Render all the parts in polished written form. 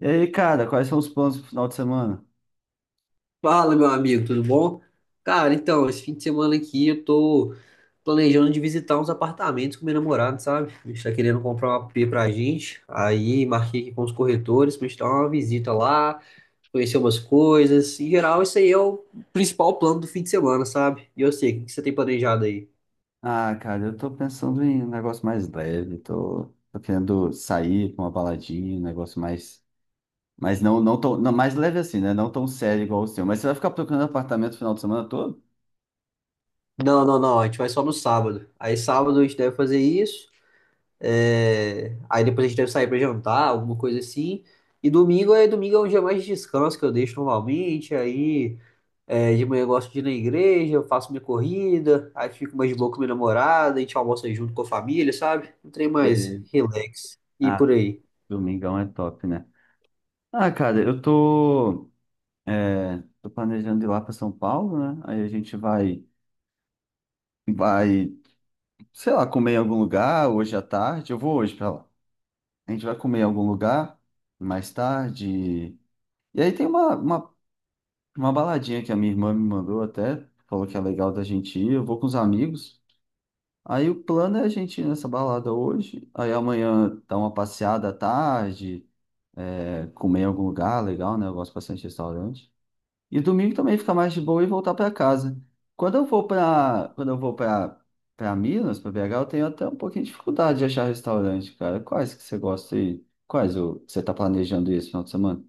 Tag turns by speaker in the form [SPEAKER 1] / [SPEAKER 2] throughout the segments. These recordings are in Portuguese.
[SPEAKER 1] E aí, cara, quais são os planos pro final de semana?
[SPEAKER 2] Fala, meu amigo, tudo bom? Cara, então, esse fim de semana aqui eu tô planejando de visitar uns apartamentos com meu namorado, sabe? A gente tá querendo comprar um AP pra gente. Aí marquei aqui com os corretores pra gente dar uma visita lá, conhecer umas coisas. Em geral, isso aí é o principal plano do fim de semana, sabe? E eu sei, o que que você tem planejado aí?
[SPEAKER 1] Ah, cara, eu tô pensando em um negócio mais leve, tô querendo sair pra uma baladinha, um negócio mais. Mas não, não tão. Não, mais leve assim, né? Não tão sério igual o seu. Mas você vai ficar procurando apartamento o final de semana todo?
[SPEAKER 2] Não, não, não, a gente vai só no sábado. Aí sábado a gente deve fazer isso. É. Aí depois a gente deve sair pra jantar, alguma coisa assim. E domingo é um dia mais de descanso que eu deixo normalmente. Aí é, de manhã eu gosto de ir na igreja, eu faço minha corrida, aí fico mais de boa com minha namorada, a gente almoça junto com a família, sabe? Um trem mais
[SPEAKER 1] É.
[SPEAKER 2] relax e
[SPEAKER 1] Ah,
[SPEAKER 2] por aí.
[SPEAKER 1] domingão é top, né? Ah, cara, eu tô. Tô planejando ir lá para São Paulo, né? Aí a gente vai. Vai, sei lá, comer em algum lugar hoje à tarde. Eu vou hoje para lá. A gente vai comer em algum lugar mais tarde. E aí tem uma baladinha que a minha irmã me mandou até, falou que é legal da gente ir, eu vou com os amigos. Aí o plano é a gente ir nessa balada hoje, aí amanhã dar uma passeada à tarde, comer em algum lugar legal, né? Eu gosto bastante de restaurante. E domingo também ficar mais de boa e voltar para casa. Quando eu vou para para Minas, para BH, eu tenho até um pouquinho de dificuldade de achar restaurante, cara. Quais que você gosta aí? Que você tá planejando esse final de semana?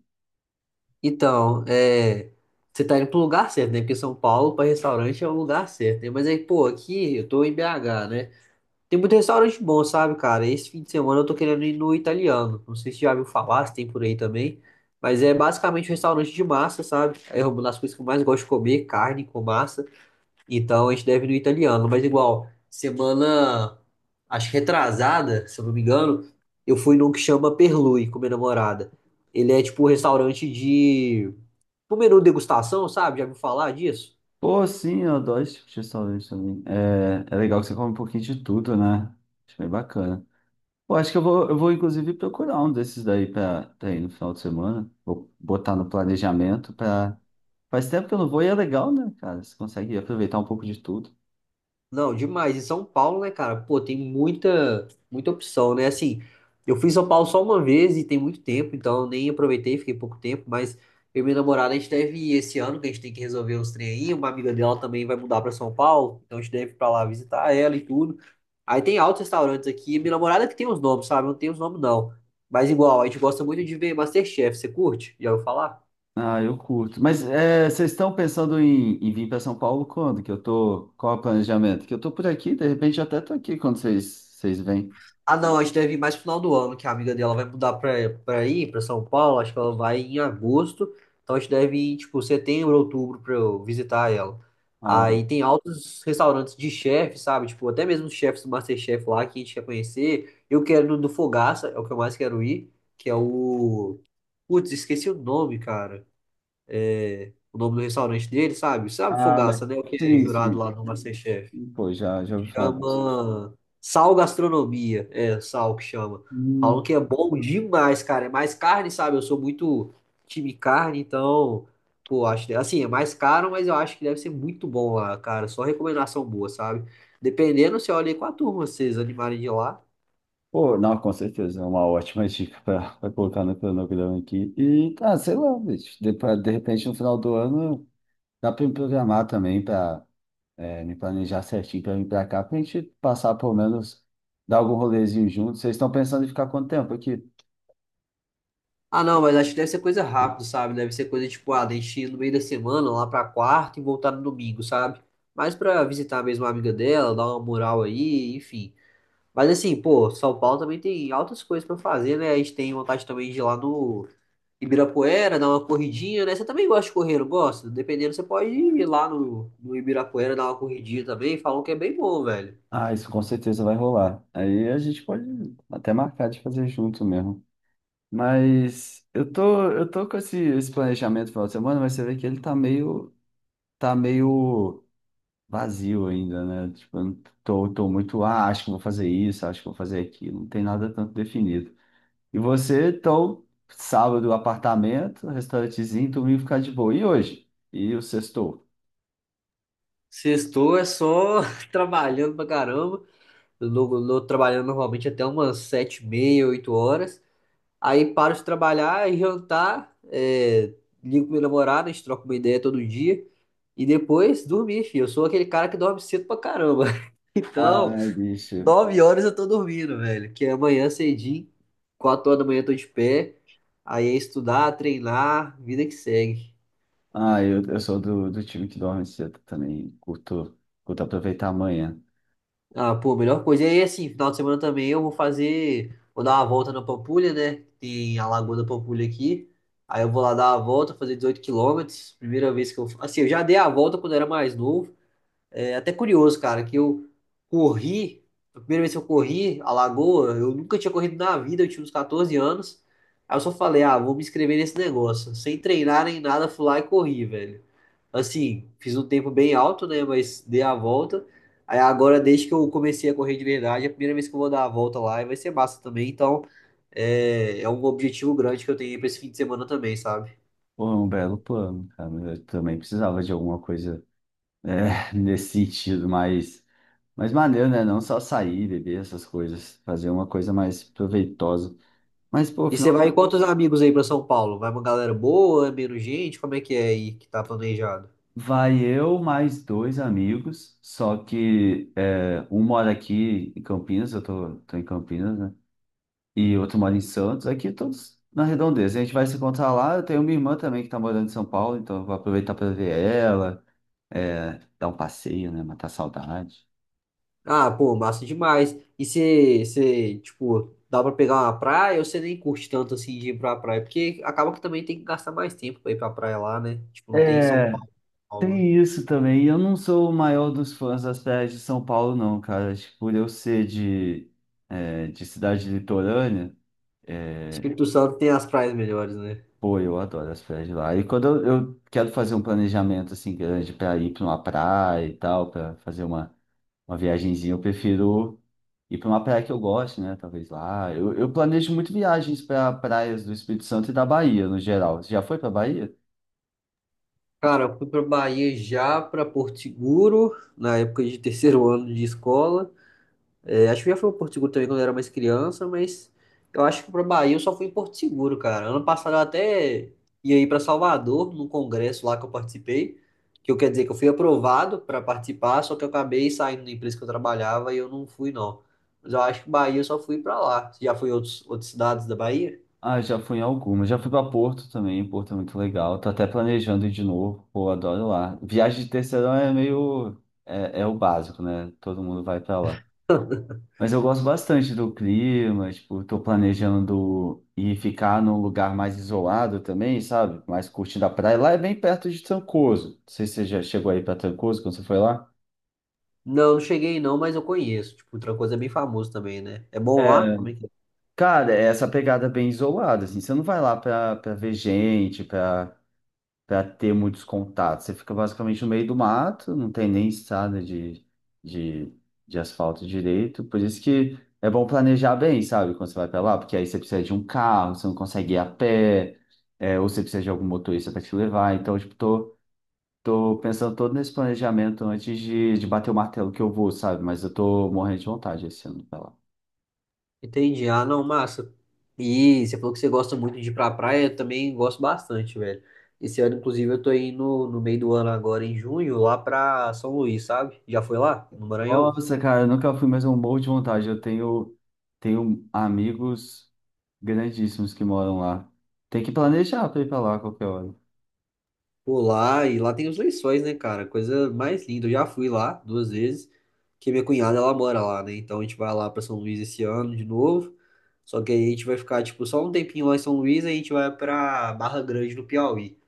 [SPEAKER 2] Então, é, você tá indo pro lugar certo, né? Porque São Paulo, pra restaurante, é o lugar certo, né? Mas aí, pô, aqui eu tô em BH, né? Tem muito restaurante bom, sabe, cara? Esse fim de semana eu tô querendo ir no italiano. Não sei se já viu falar, se tem por aí também. Mas é basicamente um restaurante de massa, sabe? É uma das coisas que eu mais gosto de comer, carne com massa. Então a gente deve ir no italiano. Mas igual, semana, acho que retrasada, se eu não me engano, eu fui num que chama Perlui com minha namorada. Ele é tipo um restaurante de... Um menu degustação, sabe? Já viu falar disso?
[SPEAKER 1] Pô, sim, eu adoro esse tipo de restaurante também. É, é legal que você come um pouquinho de tudo, né? Acho bem bacana. Pô, acho que eu vou inclusive procurar um desses daí pra ir no final de semana. Vou botar no planejamento pra... Faz tempo que eu não vou e é legal, né, cara? Você consegue aproveitar um pouco de tudo.
[SPEAKER 2] Não, demais. E São Paulo, né, cara? Pô, tem muita, muita opção, né? Assim, eu fui em São Paulo só uma vez e tem muito tempo, então eu nem aproveitei, fiquei pouco tempo, mas eu e minha namorada, a gente deve ir esse ano, que a gente tem que resolver uns trem aí. Uma amiga dela também vai mudar pra São Paulo, então a gente deve ir pra lá visitar ela e tudo. Aí tem altos restaurantes aqui. Minha namorada que tem os nomes, sabe? Eu não tem os nomes, não. Mas igual, a gente gosta muito de ver MasterChef. Você curte? Já ouviu falar?
[SPEAKER 1] Ah, eu curto. Mas é, vocês estão pensando em, em vir para São Paulo quando? Que eu tô... Qual é o planejamento? Que eu tô por aqui, de repente eu até tô aqui quando vocês vêm.
[SPEAKER 2] Ah, não, a gente deve ir mais pro final do ano, que a amiga dela vai mudar pra aí, pra São Paulo. Acho que ela vai em agosto. Então a gente deve ir, tipo, setembro, outubro pra eu visitar ela.
[SPEAKER 1] Ah,
[SPEAKER 2] Aí tem altos restaurantes de chefe, sabe? Tipo, até mesmo os chefes do MasterChef lá que a gente quer conhecer. Eu quero no do Fogaça, é o que eu mais quero ir, que é o. Putz, esqueci o nome, cara. O nome do restaurante dele, sabe? Sabe
[SPEAKER 1] ah, mas
[SPEAKER 2] Fogaça, né? O que é
[SPEAKER 1] sim,
[SPEAKER 2] jurado
[SPEAKER 1] sim.
[SPEAKER 2] lá no MasterChef.
[SPEAKER 1] Pô, já ouvi falar bastante.
[SPEAKER 2] Chama sal gastronomia. É, sal que chama.
[SPEAKER 1] Hum.
[SPEAKER 2] Falam que é bom demais, cara. É mais carne, sabe? Eu sou muito time carne, então, pô, acho, assim, é mais caro, mas eu acho que deve ser muito bom lá, cara. Só recomendação boa, sabe? Dependendo, você olha aí com a turma, vocês animarem de ir lá.
[SPEAKER 1] Pô, não, com certeza, é uma ótima dica para colocar no cronograma aqui. E, ah, sei lá, bicho, de repente no final do ano dá para me programar também para me planejar certinho para vir para cá, para a gente passar pelo menos, dar algum rolezinho junto. Vocês estão pensando em ficar quanto tempo aqui?
[SPEAKER 2] Ah, não, mas acho que deve ser coisa rápida, sabe? Deve ser coisa tipo, ah, deixa ir no meio da semana, lá pra quarta e voltar no domingo, sabe? Mas pra visitar mesmo a amiga dela, dar uma moral aí, enfim. Mas assim, pô, São Paulo também tem altas coisas pra fazer, né? A gente tem vontade também de ir lá no Ibirapuera, dar uma corridinha, né? Você também gosta de correr, não gosta? Dependendo, você pode ir lá no Ibirapuera, dar uma corridinha também. Falam que é bem bom, velho.
[SPEAKER 1] Ah, isso com certeza vai rolar. Aí a gente pode até marcar de fazer junto mesmo. Mas eu tô com esse planejamento no final de semana, mas você vê que ele tá tá meio vazio ainda, né? Tipo, eu não tô, tô muito, ah, acho que vou fazer isso, acho que vou fazer aquilo. Não tem nada tanto definido. E você, então, sábado, apartamento, restaurantezinho, domingo ficar de boa. E hoje? E o sextou?
[SPEAKER 2] Sextou é só trabalhando pra caramba. Eu não- não- Trabalhando normalmente até umas 7h30, 8h. Aí paro de trabalhar e jantar, é, ligo pra minha namorada, a gente troca uma ideia todo dia. E depois dormir, filho. Eu sou aquele cara que dorme cedo pra caramba. Então,
[SPEAKER 1] Ai, bicho.
[SPEAKER 2] 9h eu tô dormindo, velho. Que é amanhã cedinho, 4h da manhã eu tô de pé. Aí é estudar, treinar, vida que segue.
[SPEAKER 1] Ah, eu sou do time que dorme cedo também. Curto aproveitar amanhã.
[SPEAKER 2] Ah, pô, melhor coisa. E aí, assim, final de semana também eu vou fazer. Vou dar uma volta na Pampulha, né? Tem a Lagoa da Pampulha aqui. Aí eu vou lá dar a volta, fazer 18 km. Primeira vez que eu. Assim, eu já dei a volta quando eu era mais novo. É até curioso, cara, que eu corri, a primeira vez que eu corri a Lagoa, eu nunca tinha corrido na vida, eu tinha uns 14 anos. Aí eu só falei, ah, vou me inscrever nesse negócio. Sem treinar nem nada, fui lá e corri, velho. Assim, fiz um tempo bem alto, né, mas dei a volta. Aí agora, desde que eu comecei a correr de verdade, é a primeira vez que eu vou dar a volta lá e vai ser massa também. Então, é, é um objetivo grande que eu tenho aí pra esse fim de semana também, sabe?
[SPEAKER 1] Pô, é um belo plano, cara. Eu também precisava de alguma coisa é, nesse sentido, mas maneiro, né? Não só sair, beber essas coisas. Fazer uma coisa mais proveitosa. Mas, pô,
[SPEAKER 2] E você
[SPEAKER 1] final
[SPEAKER 2] vai em quantos amigos aí pra São Paulo? Vai uma galera boa? É menos gente? Como é que é aí que tá planejado?
[SPEAKER 1] vai eu mais dois amigos, só que é, um mora aqui em Campinas, tô em Campinas, né? E outro mora em Santos, aqui todos na redondeza. A gente vai se encontrar lá, eu tenho minha irmã também que tá morando em São Paulo, então eu vou aproveitar para ver ela, é, dar um passeio, né? Matar a saudade.
[SPEAKER 2] Ah, pô, massa demais. E você, tipo, dá pra pegar uma praia ou você nem curte tanto assim de ir pra praia? Porque acaba que também tem que gastar mais tempo pra ir pra praia lá, né? Tipo, não tem em São
[SPEAKER 1] É,
[SPEAKER 2] Paulo, São Paulo, né?
[SPEAKER 1] tem isso também. E eu não sou o maior dos fãs das praias de São Paulo, não, cara. Acho que por eu ser de, é, de cidade litorânea, é,
[SPEAKER 2] Espírito Santo tem as praias melhores, né?
[SPEAKER 1] pô, eu adoro as praias de lá. E quando eu quero fazer um planejamento assim grande para ir para uma praia e tal, para fazer uma viagenzinha, eu prefiro ir para uma praia que eu gosto, né? Talvez lá. Eu planejo muito viagens para praias do Espírito Santo e da Bahia, no geral. Você já foi para Bahia?
[SPEAKER 2] Cara, eu fui pra Bahia já, pra Porto Seguro, na época de terceiro ano de escola. É, acho que eu já fui ao Porto Seguro também quando eu era mais criança, mas eu acho que pra Bahia eu só fui em Porto Seguro, cara. Ano passado eu até ia ir pra Salvador, num congresso lá que eu participei, que eu quero dizer que eu fui aprovado pra participar, só que eu acabei saindo da empresa que eu trabalhava e eu não fui, não. Mas eu acho que Bahia eu só fui pra lá. Você já foi em outros, outras cidades da Bahia?
[SPEAKER 1] Ah, já fui em algumas. Já fui para Porto também. Porto é muito legal. Tô até planejando ir de novo. Pô, adoro lá. Viagem de terceirão é meio. É, é o básico, né? Todo mundo vai para lá. Mas eu gosto bastante do clima, tipo, tô planejando ir ficar num lugar mais isolado também, sabe? Mais curtindo a praia. Lá é bem perto de Trancoso. Não sei se você já chegou aí pra Trancoso quando você foi lá.
[SPEAKER 2] Não, não cheguei não, mas eu conheço. Tipo, Trancoso é bem famoso também, né? É bom lá? Como é que é?
[SPEAKER 1] Cara, é essa pegada bem isolada, assim. Você não vai lá pra ver gente, pra para ter muitos contatos. Você fica basicamente no meio do mato, não tem nem estrada de, de asfalto direito. Por isso que é bom planejar bem, sabe, quando você vai para lá, porque aí você precisa de um carro, você não consegue ir a pé, é, ou você precisa de algum motorista para te levar. Então, tipo, tô, tô pensando todo nesse planejamento antes de bater o martelo que eu vou, sabe? Mas eu tô morrendo de vontade esse ano para lá.
[SPEAKER 2] Entendi. Ah, não, massa. E você falou que você gosta muito de ir pra praia, eu também gosto bastante, velho. Esse ano, inclusive, eu tô indo no meio do ano agora, em junho, lá pra São Luís, sabe? Já foi lá, no Maranhão?
[SPEAKER 1] Nossa, cara, eu nunca fui, mas é um morro de vontade. Tenho amigos grandíssimos que moram lá. Tem que planejar para ir para lá a qualquer hora.
[SPEAKER 2] Pô, lá, e lá tem os lençóis, né, cara? Coisa mais linda. Eu já fui lá duas vezes, que minha cunhada, ela mora lá, né? Então a gente vai lá pra São Luís esse ano de novo. Só que aí a gente vai ficar, tipo, só um tempinho lá em São Luís, aí a gente vai pra Barra Grande, no Piauí.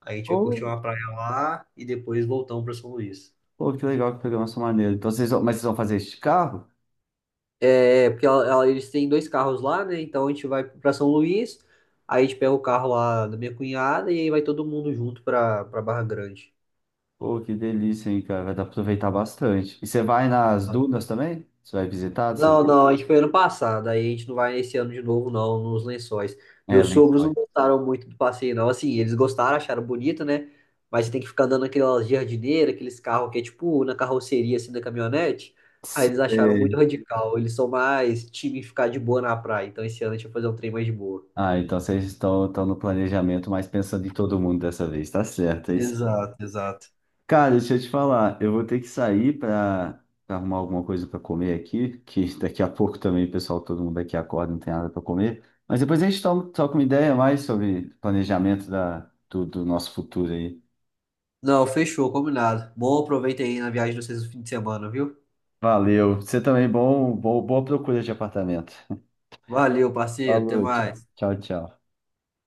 [SPEAKER 2] Aí a gente vai curtir
[SPEAKER 1] Ou,
[SPEAKER 2] uma praia lá e depois voltamos pra São Luís.
[SPEAKER 1] pô, que legal, que programação maneira. Então, vocês vão, mas vocês vão fazer este carro?
[SPEAKER 2] É, é, porque eles têm dois carros lá, né? Então a gente vai pra São Luís, aí a gente pega o carro lá da minha cunhada e aí vai todo mundo junto pra Barra Grande.
[SPEAKER 1] Pô, que delícia, hein, cara. Vai dar pra aproveitar bastante. E você vai nas dunas também? Você vai visitar,
[SPEAKER 2] Não,
[SPEAKER 1] sabe?
[SPEAKER 2] não, a gente foi ano passado, aí a gente não vai esse ano de novo, não, nos Lençóis.
[SPEAKER 1] É,
[SPEAKER 2] Meus sogros não
[SPEAKER 1] Lençóis.
[SPEAKER 2] gostaram muito do passeio, não. Assim, eles gostaram, acharam bonito, né? Mas você tem que ficar andando naquelas jardineiras, aqueles carros que é tipo na carroceria, assim, da caminhonete. Aí eles acharam muito
[SPEAKER 1] Você-
[SPEAKER 2] radical. Eles são mais time ficar de boa na praia. Então esse ano a gente vai fazer um trem mais de boa.
[SPEAKER 1] Ah, então estão no planejamento, mas pensando em todo mundo dessa vez, tá certo. É isso?
[SPEAKER 2] Exato, exato.
[SPEAKER 1] Cara, deixa eu te falar, eu vou ter que sair para arrumar alguma coisa para comer aqui, que daqui a pouco também, pessoal, todo mundo aqui acorda, não tem nada para comer. Mas depois a gente troca uma ideia mais sobre planejamento do nosso futuro aí.
[SPEAKER 2] Não, fechou, combinado. Bom, aproveita aí na viagem de vocês no fim de semana, viu?
[SPEAKER 1] Valeu. Você também, bom, boa procura de apartamento.
[SPEAKER 2] Valeu, parceiro, até
[SPEAKER 1] Falou,
[SPEAKER 2] mais.
[SPEAKER 1] tchau.